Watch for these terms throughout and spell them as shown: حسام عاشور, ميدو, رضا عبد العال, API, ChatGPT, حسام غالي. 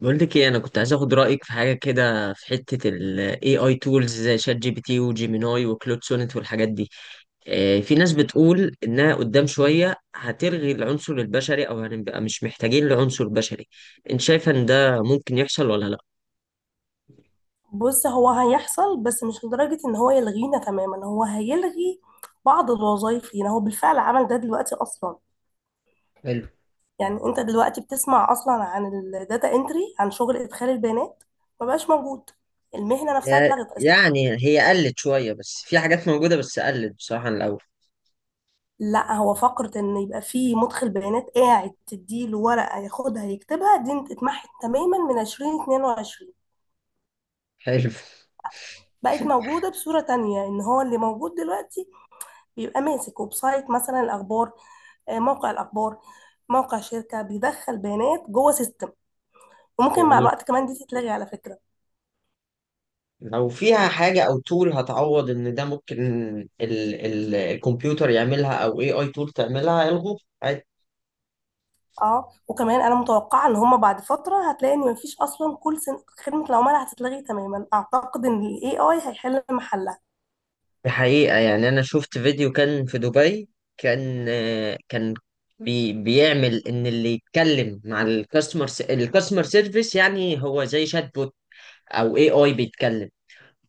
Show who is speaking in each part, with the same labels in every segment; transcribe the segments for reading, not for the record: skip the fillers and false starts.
Speaker 1: بقول لك ايه، انا كنت عايز اخد رايك في حاجه كده في حته ال AI tools زي شات جي بي تي وجيميناي وكلود سونيت والحاجات دي. في ناس بتقول انها قدام شويه هتلغي العنصر البشري او هنبقى مش محتاجين لعنصر بشري. انت شايفه ان ده ممكن يحصل ولا لا؟
Speaker 2: بص، هو هيحصل، بس مش لدرجة ان هو يلغينا تماما. هو هيلغي بعض الوظائف لينا. هو بالفعل عمل ده دلوقتي اصلا.
Speaker 1: حلو.
Speaker 2: يعني انت دلوقتي بتسمع اصلا عن الداتا انتري، عن شغل ادخال البيانات. ما بقاش موجود. المهنة نفسها اتلغت اصلا.
Speaker 1: يعني هي قلت شوية بس في حاجات موجودة، بس قلت بصراحة عن الأول.
Speaker 2: لا، هو فقرة ان يبقى في مدخل بيانات قاعد تديله ورقة ياخدها يكتبها دي اتمحت تماما من 2022.
Speaker 1: حلو.
Speaker 2: بقت موجودة بصورة تانية، ان هو اللي موجود دلوقتي بيبقى ماسك ويب سايت مثلا الاخبار، موقع الاخبار، موقع شركه بيدخل بيانات جوه سيستم. وممكن مع
Speaker 1: جميل.
Speaker 2: الوقت كمان دي تتلغي على فكره.
Speaker 1: لو فيها حاجة أو تول هتعوض إن ده ممكن ال الكمبيوتر يعملها، أو أي أي تول تعملها، يلغوه عادي.
Speaker 2: اه، وكمان انا متوقعه ان هما بعد فتره هتلاقي ان مفيش اصلا خدمه العملاء هتتلغي تماما. اعتقد ان الاي اي هيحل محلها.
Speaker 1: دي حقيقة، يعني أنا شفت فيديو كان في دبي. كان بيعمل إن اللي يتكلم مع الكاستمر سيرفيس يعني هو زي شات بوت أو أي أي بيتكلم.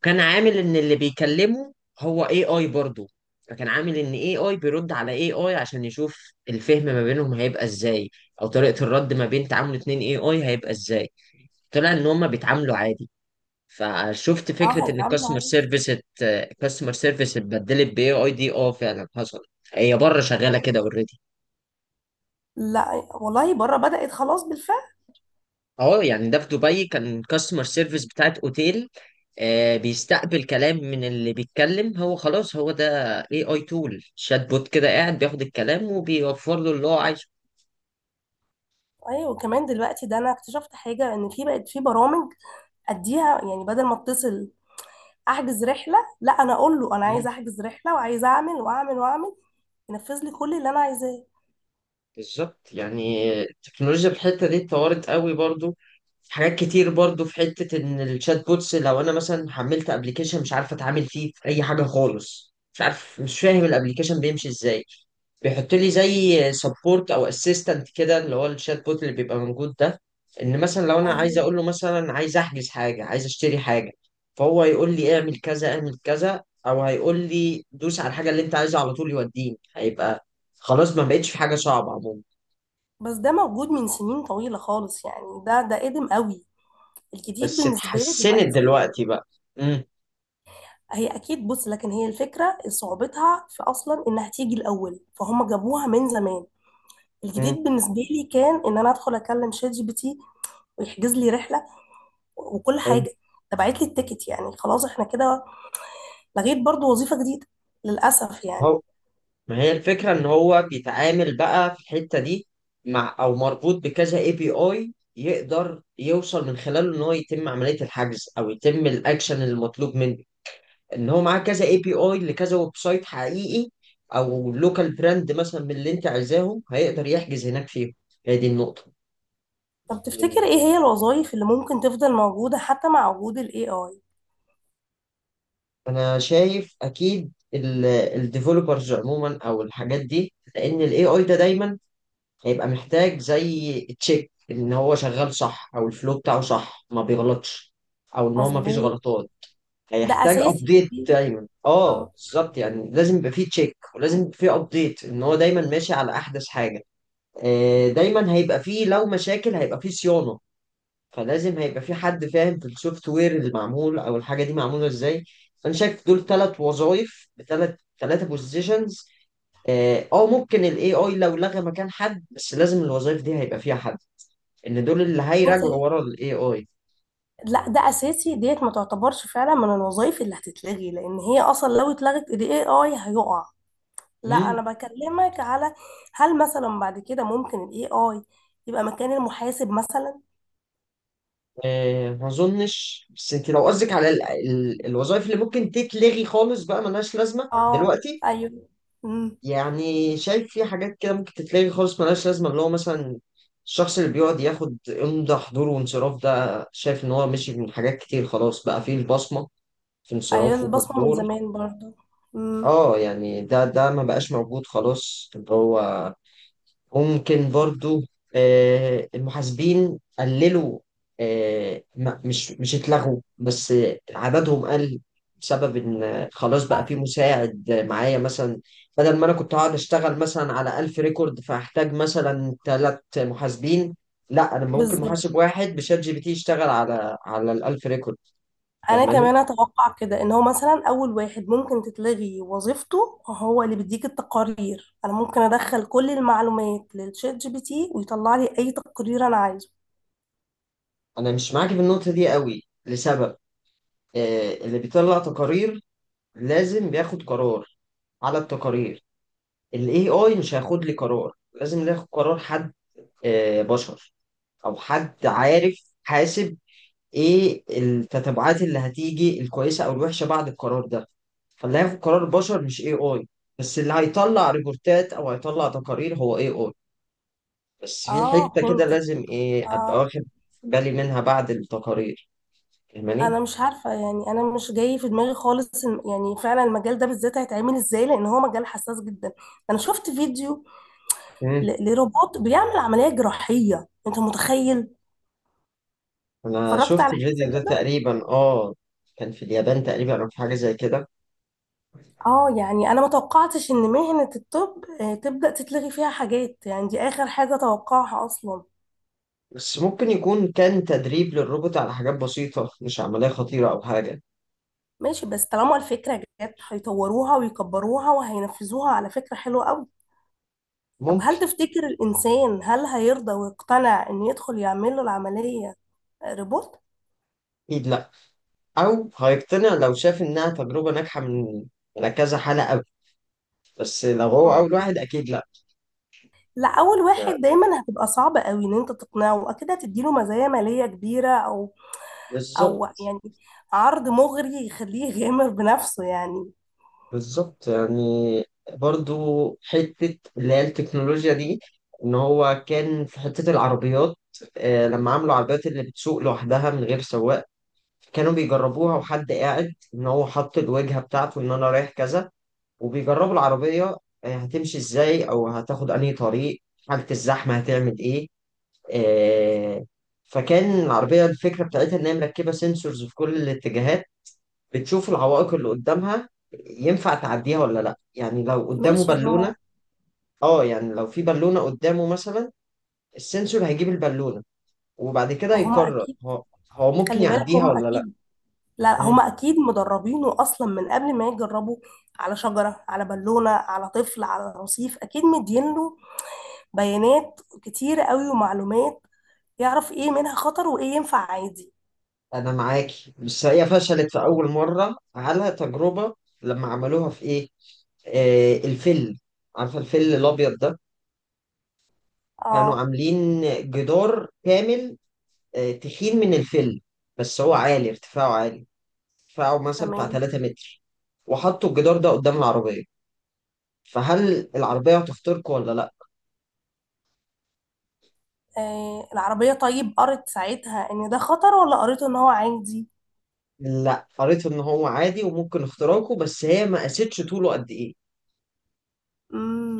Speaker 1: كان عامل ان اللي بيكلمه هو اي اي برضه. فكان عامل ان اي اي بيرد على اي اي عشان يشوف الفهم ما بينهم هيبقى ازاي، او طريقة الرد ما بين تعامل اتنين اي اي هيبقى ازاي. طلع ان هما بيتعاملوا عادي. فشفت
Speaker 2: اه،
Speaker 1: فكرة ان
Speaker 2: هيتعاملوا
Speaker 1: الكاستمر
Speaker 2: عادي.
Speaker 1: سيرفيس الكاستمر سيرفيس اتبدلت باي اي. دي اه فعلا حصل. هي بره شغالة كده اوريدي.
Speaker 2: لا والله، بره بدأت خلاص بالفعل.
Speaker 1: اه يعني ده في دبي كان كاستمر سيرفيس بتاعت اوتيل. بيستقبل كلام من اللي بيتكلم. هو خلاص هو ده. اي اي تول شات بوت كده قاعد بياخد الكلام وبيوفر له اللي هو عايزه.
Speaker 2: ايوه، وكمان دلوقتي ده انا اكتشفت حاجه ان في بقت في برامج اديها. يعني بدل ما اتصل احجز رحله، لا، انا اقول له انا عايز
Speaker 1: مم.
Speaker 2: احجز رحله وعايز اعمل واعمل واعمل، ينفذ لي كل اللي انا عايزاه.
Speaker 1: بالظبط، يعني التكنولوجيا في الحته دي اتطورت قوي برضو. حاجات كتير برضو في حتة ان الشات بوتس، لو انا مثلا حملت ابلكيشن مش عارف اتعامل فيه في اي حاجة خالص، مش عارف مش فاهم الابلكيشن بيمشي ازاي، بيحط لي زي سبورت او اسيستنت كده اللي هو الشات بوت اللي بيبقى موجود ده. ان مثلا لو انا عايز
Speaker 2: ايوه،
Speaker 1: اقول له مثلا عايز احجز حاجه، عايز اشتري حاجه، فهو هيقول لي اعمل كذا اعمل كذا، او هيقول لي دوس على الحاجه اللي انت عايزها على طول يوديني. هيبقى خلاص ما بقتش في حاجه صعبه عموما.
Speaker 2: بس ده موجود من سنين طويلة خالص. يعني ده قديم قوي. الجديد
Speaker 1: بس
Speaker 2: بالنسبة لي
Speaker 1: اتحسنت
Speaker 2: دلوقتي
Speaker 1: دلوقتي بقى.
Speaker 2: هي أكيد. بص، لكن هي الفكرة صعوبتها في أصلا إنها تيجي الأول، فهم جابوها من زمان.
Speaker 1: امم
Speaker 2: الجديد بالنسبة لي كان إن أنا أدخل أكلم شات جي بي تي ويحجز لي رحلة وكل حاجة، تبعت لي التيكت. يعني خلاص إحنا كده لغيت برضو وظيفة جديدة، للأسف يعني.
Speaker 1: هو ما هي الفكرة ان هو بيتعامل بقى في الحتة دي مع او مربوط بكذا اي بي اي يقدر يوصل من خلاله ان هو يتم عملية الحجز او يتم الاكشن المطلوب منه. ان هو معاه كذا اي بي اي لكذا ويب سايت حقيقي، او لوكال براند مثلا من اللي انت عايزاهم هيقدر يحجز هناك فيهم. هي دي النقطة.
Speaker 2: طب تفتكر إيه هي الوظائف اللي ممكن تفضل موجودة حتى مع وجود ال AI؟
Speaker 1: انا شايف اكيد الديفلوبرز عموما او الحاجات دي، لان الاي اي ده دايما هيبقى محتاج زي تشيك ان هو شغال صح او الفلو بتاعه صح ما بيغلطش، او ان هو ما فيش
Speaker 2: مظبوط.
Speaker 1: غلطات.
Speaker 2: ده
Speaker 1: هيحتاج
Speaker 2: أساسي
Speaker 1: ابديت
Speaker 2: دي.
Speaker 1: دايما، اه
Speaker 2: آه.
Speaker 1: بالظبط، يعني لازم يبقى فيه تشيك ولازم يبقى فيه ابديت ان هو دايما ماشي على احدث حاجه. دايما هيبقى فيه لو مشاكل هيبقى فيه صيانه. فلازم هيبقى فيه حد فاهم في السوفت وير اللي معمول او الحاجه دي معموله ازاي. فانا شايف دول ثلاث وظائف بثلاث، بوزيشنز. اه ممكن الاي اي لو لغى مكان حد، بس لازم الوظائف دي هيبقى فيها حد، ان دول اللي
Speaker 2: بص،
Speaker 1: هيراجعوا ورا الاي اي.
Speaker 2: لا، ده اساسي ديت، ما تعتبرش فعلا من الوظائف اللي هتتلغي، لان هي اصلا لو اتلغت الاي اي هيقع. لا،
Speaker 1: امم.
Speaker 2: انا بكلمك على هل مثلا بعد كده ممكن الاي اي يبقى مكان المحاسب مثلا.
Speaker 1: آه ما اظنش، بس انت لو قصدك على الوظائف اللي ممكن تتلغي خالص بقى ملهاش لازمه
Speaker 2: اه،
Speaker 1: دلوقتي.
Speaker 2: ايوه، امم.
Speaker 1: يعني شايف في حاجات كده ممكن تتلغي خالص ملهاش لازمه، اللي هو مثلا الشخص اللي بيقعد ياخد امضى حضور وانصراف، ده شايف ان هو مشي من حاجات كتير خلاص بقى فيه البصمه في
Speaker 2: ايوه،
Speaker 1: انصراف
Speaker 2: البصمه من
Speaker 1: وحضور.
Speaker 2: زمان برضو. امم.
Speaker 1: اه يعني ده ما بقاش موجود خلاص اللي هو. ممكن برضو المحاسبين قللوا. مش اتلغوا بس عددهم قل. بسبب ان خلاص بقى
Speaker 2: آه،
Speaker 1: في مساعد معايا مثلا. بدل ما انا كنت هقعد اشتغل مثلا على 1000 ريكورد فاحتاج مثلا ثلاث محاسبين، لا انا ممكن
Speaker 2: بالظبط،
Speaker 1: محاسب واحد بشات جي بي تي يشتغل على ال 1000 ريكورد.
Speaker 2: انا
Speaker 1: فاهماني؟
Speaker 2: كمان اتوقع كده ان هو مثلا اول واحد ممكن تتلغي وظيفته هو اللي بيديك التقارير. انا ممكن ادخل كل المعلومات للشات جي بي تي ويطلع لي اي تقرير انا عايزه.
Speaker 1: انا مش معاك في النقطة دي قوي لسبب. اللي بيطلع تقارير لازم بياخد قرار على التقارير. ال AI مش هياخد لي قرار، لازم ناخد قرار حد، بشر، أو حد عارف حاسب إيه التتبعات اللي هتيجي الكويسة أو الوحشة بعد القرار ده. فاللي هياخد قرار بشر مش AI، بس اللي هيطلع ريبورتات أو هيطلع تقارير هو AI. بس في
Speaker 2: اه،
Speaker 1: حتة كده
Speaker 2: فهمتك.
Speaker 1: لازم إيه أبقى
Speaker 2: اه.
Speaker 1: واخد بالي منها بعد التقارير.
Speaker 2: انا
Speaker 1: فاهماني؟
Speaker 2: مش عارفه، يعني انا مش جاي في دماغي خالص يعني فعلا المجال ده بالذات هيتعمل ازاي، لان هو مجال حساس جدا. انا شفت فيديو
Speaker 1: مم.
Speaker 2: ل- لروبوت بيعمل عمليه جراحيه، انت متخيل؟
Speaker 1: أنا
Speaker 2: اتفرجت
Speaker 1: شفت
Speaker 2: على حاجه زي
Speaker 1: الفيديو ده
Speaker 2: كده.
Speaker 1: تقريبا آه. كان في اليابان تقريبا أو في حاجة زي كده.
Speaker 2: اه، يعني انا ما توقعتش ان مهنه الطب تبدا تتلغي فيها حاجات. يعني دي اخر حاجه توقعها اصلا.
Speaker 1: بس ممكن يكون كان تدريب للروبوت على حاجات بسيطة، مش عملية خطيرة أو حاجة.
Speaker 2: ماشي، بس طالما الفكره جت هيطوروها ويكبروها وهينفذوها. على فكره حلوه قوي. طب
Speaker 1: ممكن.
Speaker 2: هل تفتكر الإنسان، هل هيرضى ويقتنع إن يدخل يعمل له العملية روبوت؟
Speaker 1: أكيد لأ، أو هيقتنع لو شاف إنها تجربة ناجحة من على كذا حالة أوي. بس لو هو أول
Speaker 2: مظبوط.
Speaker 1: واحد أكيد لأ.
Speaker 2: لا، أول واحد دايما هتبقى صعبة قوي إن أنت تقنعه. أكيد هتديله مزايا مالية كبيرة، أو
Speaker 1: بالظبط.
Speaker 2: يعني عرض مغري يخليه يغامر بنفسه يعني.
Speaker 1: بالظبط يعني برضو حتة اللي هي التكنولوجيا دي، إن هو كان في حتة العربيات. لما عملوا عربيات اللي بتسوق لوحدها من غير سواق، كانوا بيجربوها وحد قاعد إن هو حط الوجهة بتاعته إن أنا رايح كذا، وبيجربوا العربية هتمشي ازاي او هتاخد انهي طريق، حالة الزحمة هتعمل ايه. آه، فكان العربية الفكرة بتاعتها ان هي مركبة سنسورز في كل الاتجاهات، بتشوف العوائق اللي قدامها ينفع تعديها ولا لا. يعني لو قدامه
Speaker 2: ماشي.
Speaker 1: بالونة،
Speaker 2: هما
Speaker 1: اه يعني لو في بالونة قدامه مثلا، السنسور هيجيب البالونة وبعد كده
Speaker 2: ما هما
Speaker 1: يقرر
Speaker 2: أكيد.
Speaker 1: هو هو ممكن
Speaker 2: خلي بالك،
Speaker 1: يعديها
Speaker 2: هما
Speaker 1: ولا
Speaker 2: أكيد. لا،
Speaker 1: لا.
Speaker 2: هما أكيد مدربينه أصلا من قبل ما يجربوا، على شجرة، على بالونة، على طفل، على رصيف، أكيد مدينله بيانات كتير قوي ومعلومات. يعرف ايه منها خطر وايه ينفع عادي.
Speaker 1: انا معاكي، بس هي فشلت في اول مره على تجربه. لما عملوها في ايه، آه الفل، عارفه الفل الابيض ده؟ كانوا
Speaker 2: اه،
Speaker 1: عاملين جدار كامل آه تخين من الفل، بس هو عالي، ارتفاعه عالي، ارتفاعه مثلا بتاع
Speaker 2: تمام.
Speaker 1: 3 متر. وحطوا الجدار ده قدام العربيه، فهل العربيه هتخترقه ولا لا؟
Speaker 2: آه، العربية طيب قرت ساعتها ان ده خطر ولا قريته ان هو عادي؟
Speaker 1: لا، قريت ان هو عادي وممكن اختراقه، بس هي ما قاستش طوله قد ايه.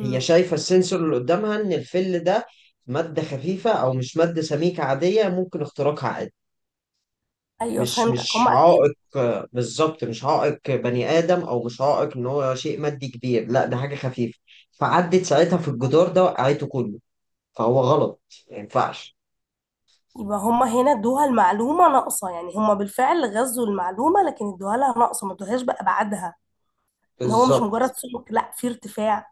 Speaker 1: هي شايفة السنسور اللي قدامها إن الفل ده مادة خفيفة أو مش مادة سميكة، عادية ممكن اختراقها عادي.
Speaker 2: ايوه،
Speaker 1: مش
Speaker 2: فهمتك،
Speaker 1: مش
Speaker 2: هما
Speaker 1: عائق،
Speaker 2: اكيد.
Speaker 1: بالظبط مش عائق بني آدم، أو مش عائق إن هو شيء مادي كبير، لا ده حاجة خفيفة. فعدت ساعتها في الجدار ده وقعته كله. فهو غلط، ما ينفعش.
Speaker 2: يبقى هما هنا ادوها المعلومة ناقصة. يعني هما بالفعل غزوا المعلومة لكن ادوها لها ناقصة، ما ادوهاش بأبعادها. ان هو مش
Speaker 1: بالظبط.
Speaker 2: مجرد سلوك، لا، في ارتفاع،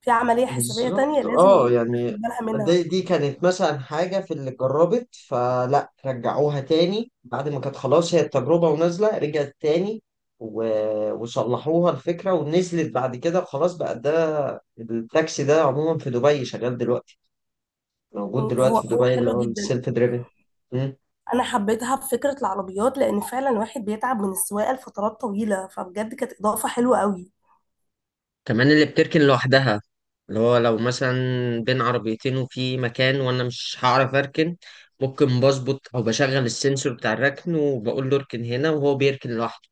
Speaker 2: في عملية حسابية تانية
Speaker 1: بالظبط
Speaker 2: لازم
Speaker 1: اه يعني
Speaker 2: تاخد بالها منها.
Speaker 1: دي كانت مثلا حاجة في اللي جربت، فلا رجعوها تاني بعد ما كانت خلاص هي التجربة ونازلة، رجعت تاني وصلحوها الفكرة ونزلت بعد كده. خلاص بقى ده التاكسي ده عموما في دبي شغال دلوقتي، موجود
Speaker 2: هو
Speaker 1: دلوقتي في
Speaker 2: هو
Speaker 1: دبي اللي
Speaker 2: حلوة
Speaker 1: هو
Speaker 2: جدا.
Speaker 1: السيلف دريفن.
Speaker 2: انا حبيتها بفكره العربيات لان فعلا الواحد بيتعب من السواقه لفترات طويله، فبجد كانت اضافه حلوه قوي.
Speaker 1: كمان اللي بتركن لوحدها، اللي هو لو مثلا بين عربيتين وفي مكان وانا مش هعرف اركن، ممكن بظبط او بشغل السنسور بتاع الركن وبقول له اركن هنا وهو بيركن لوحده.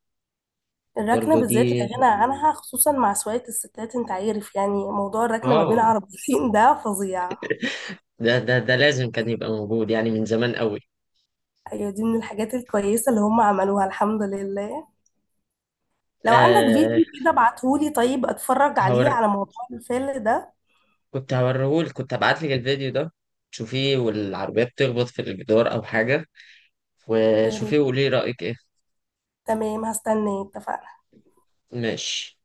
Speaker 2: الركنه
Speaker 1: برضه دي،
Speaker 2: بالذات لا غنى عنها، خصوصا مع سواقه الستات. انت عارف، يعني موضوع الركنه ما بين
Speaker 1: اه
Speaker 2: عربيتين ده فظيع.
Speaker 1: ده لازم كان يبقى موجود يعني من زمان قوي.
Speaker 2: ايوه، دي من الحاجات الكويسه اللي هم عملوها، الحمد لله. لو عندك
Speaker 1: آه
Speaker 2: فيديو كده ابعتهولي، طيب اتفرج
Speaker 1: هور...
Speaker 2: عليه على موضوع الفيل ده.
Speaker 1: كنت هوريهولك، كنت هبعت لك الفيديو ده. شوفيه والعربية بتخبط في الجدار او حاجة،
Speaker 2: يا
Speaker 1: وشوفيه
Speaker 2: ريت.
Speaker 1: وقولي رأيك ايه.
Speaker 2: تمام، هستناه، اتفقنا.
Speaker 1: ماشي.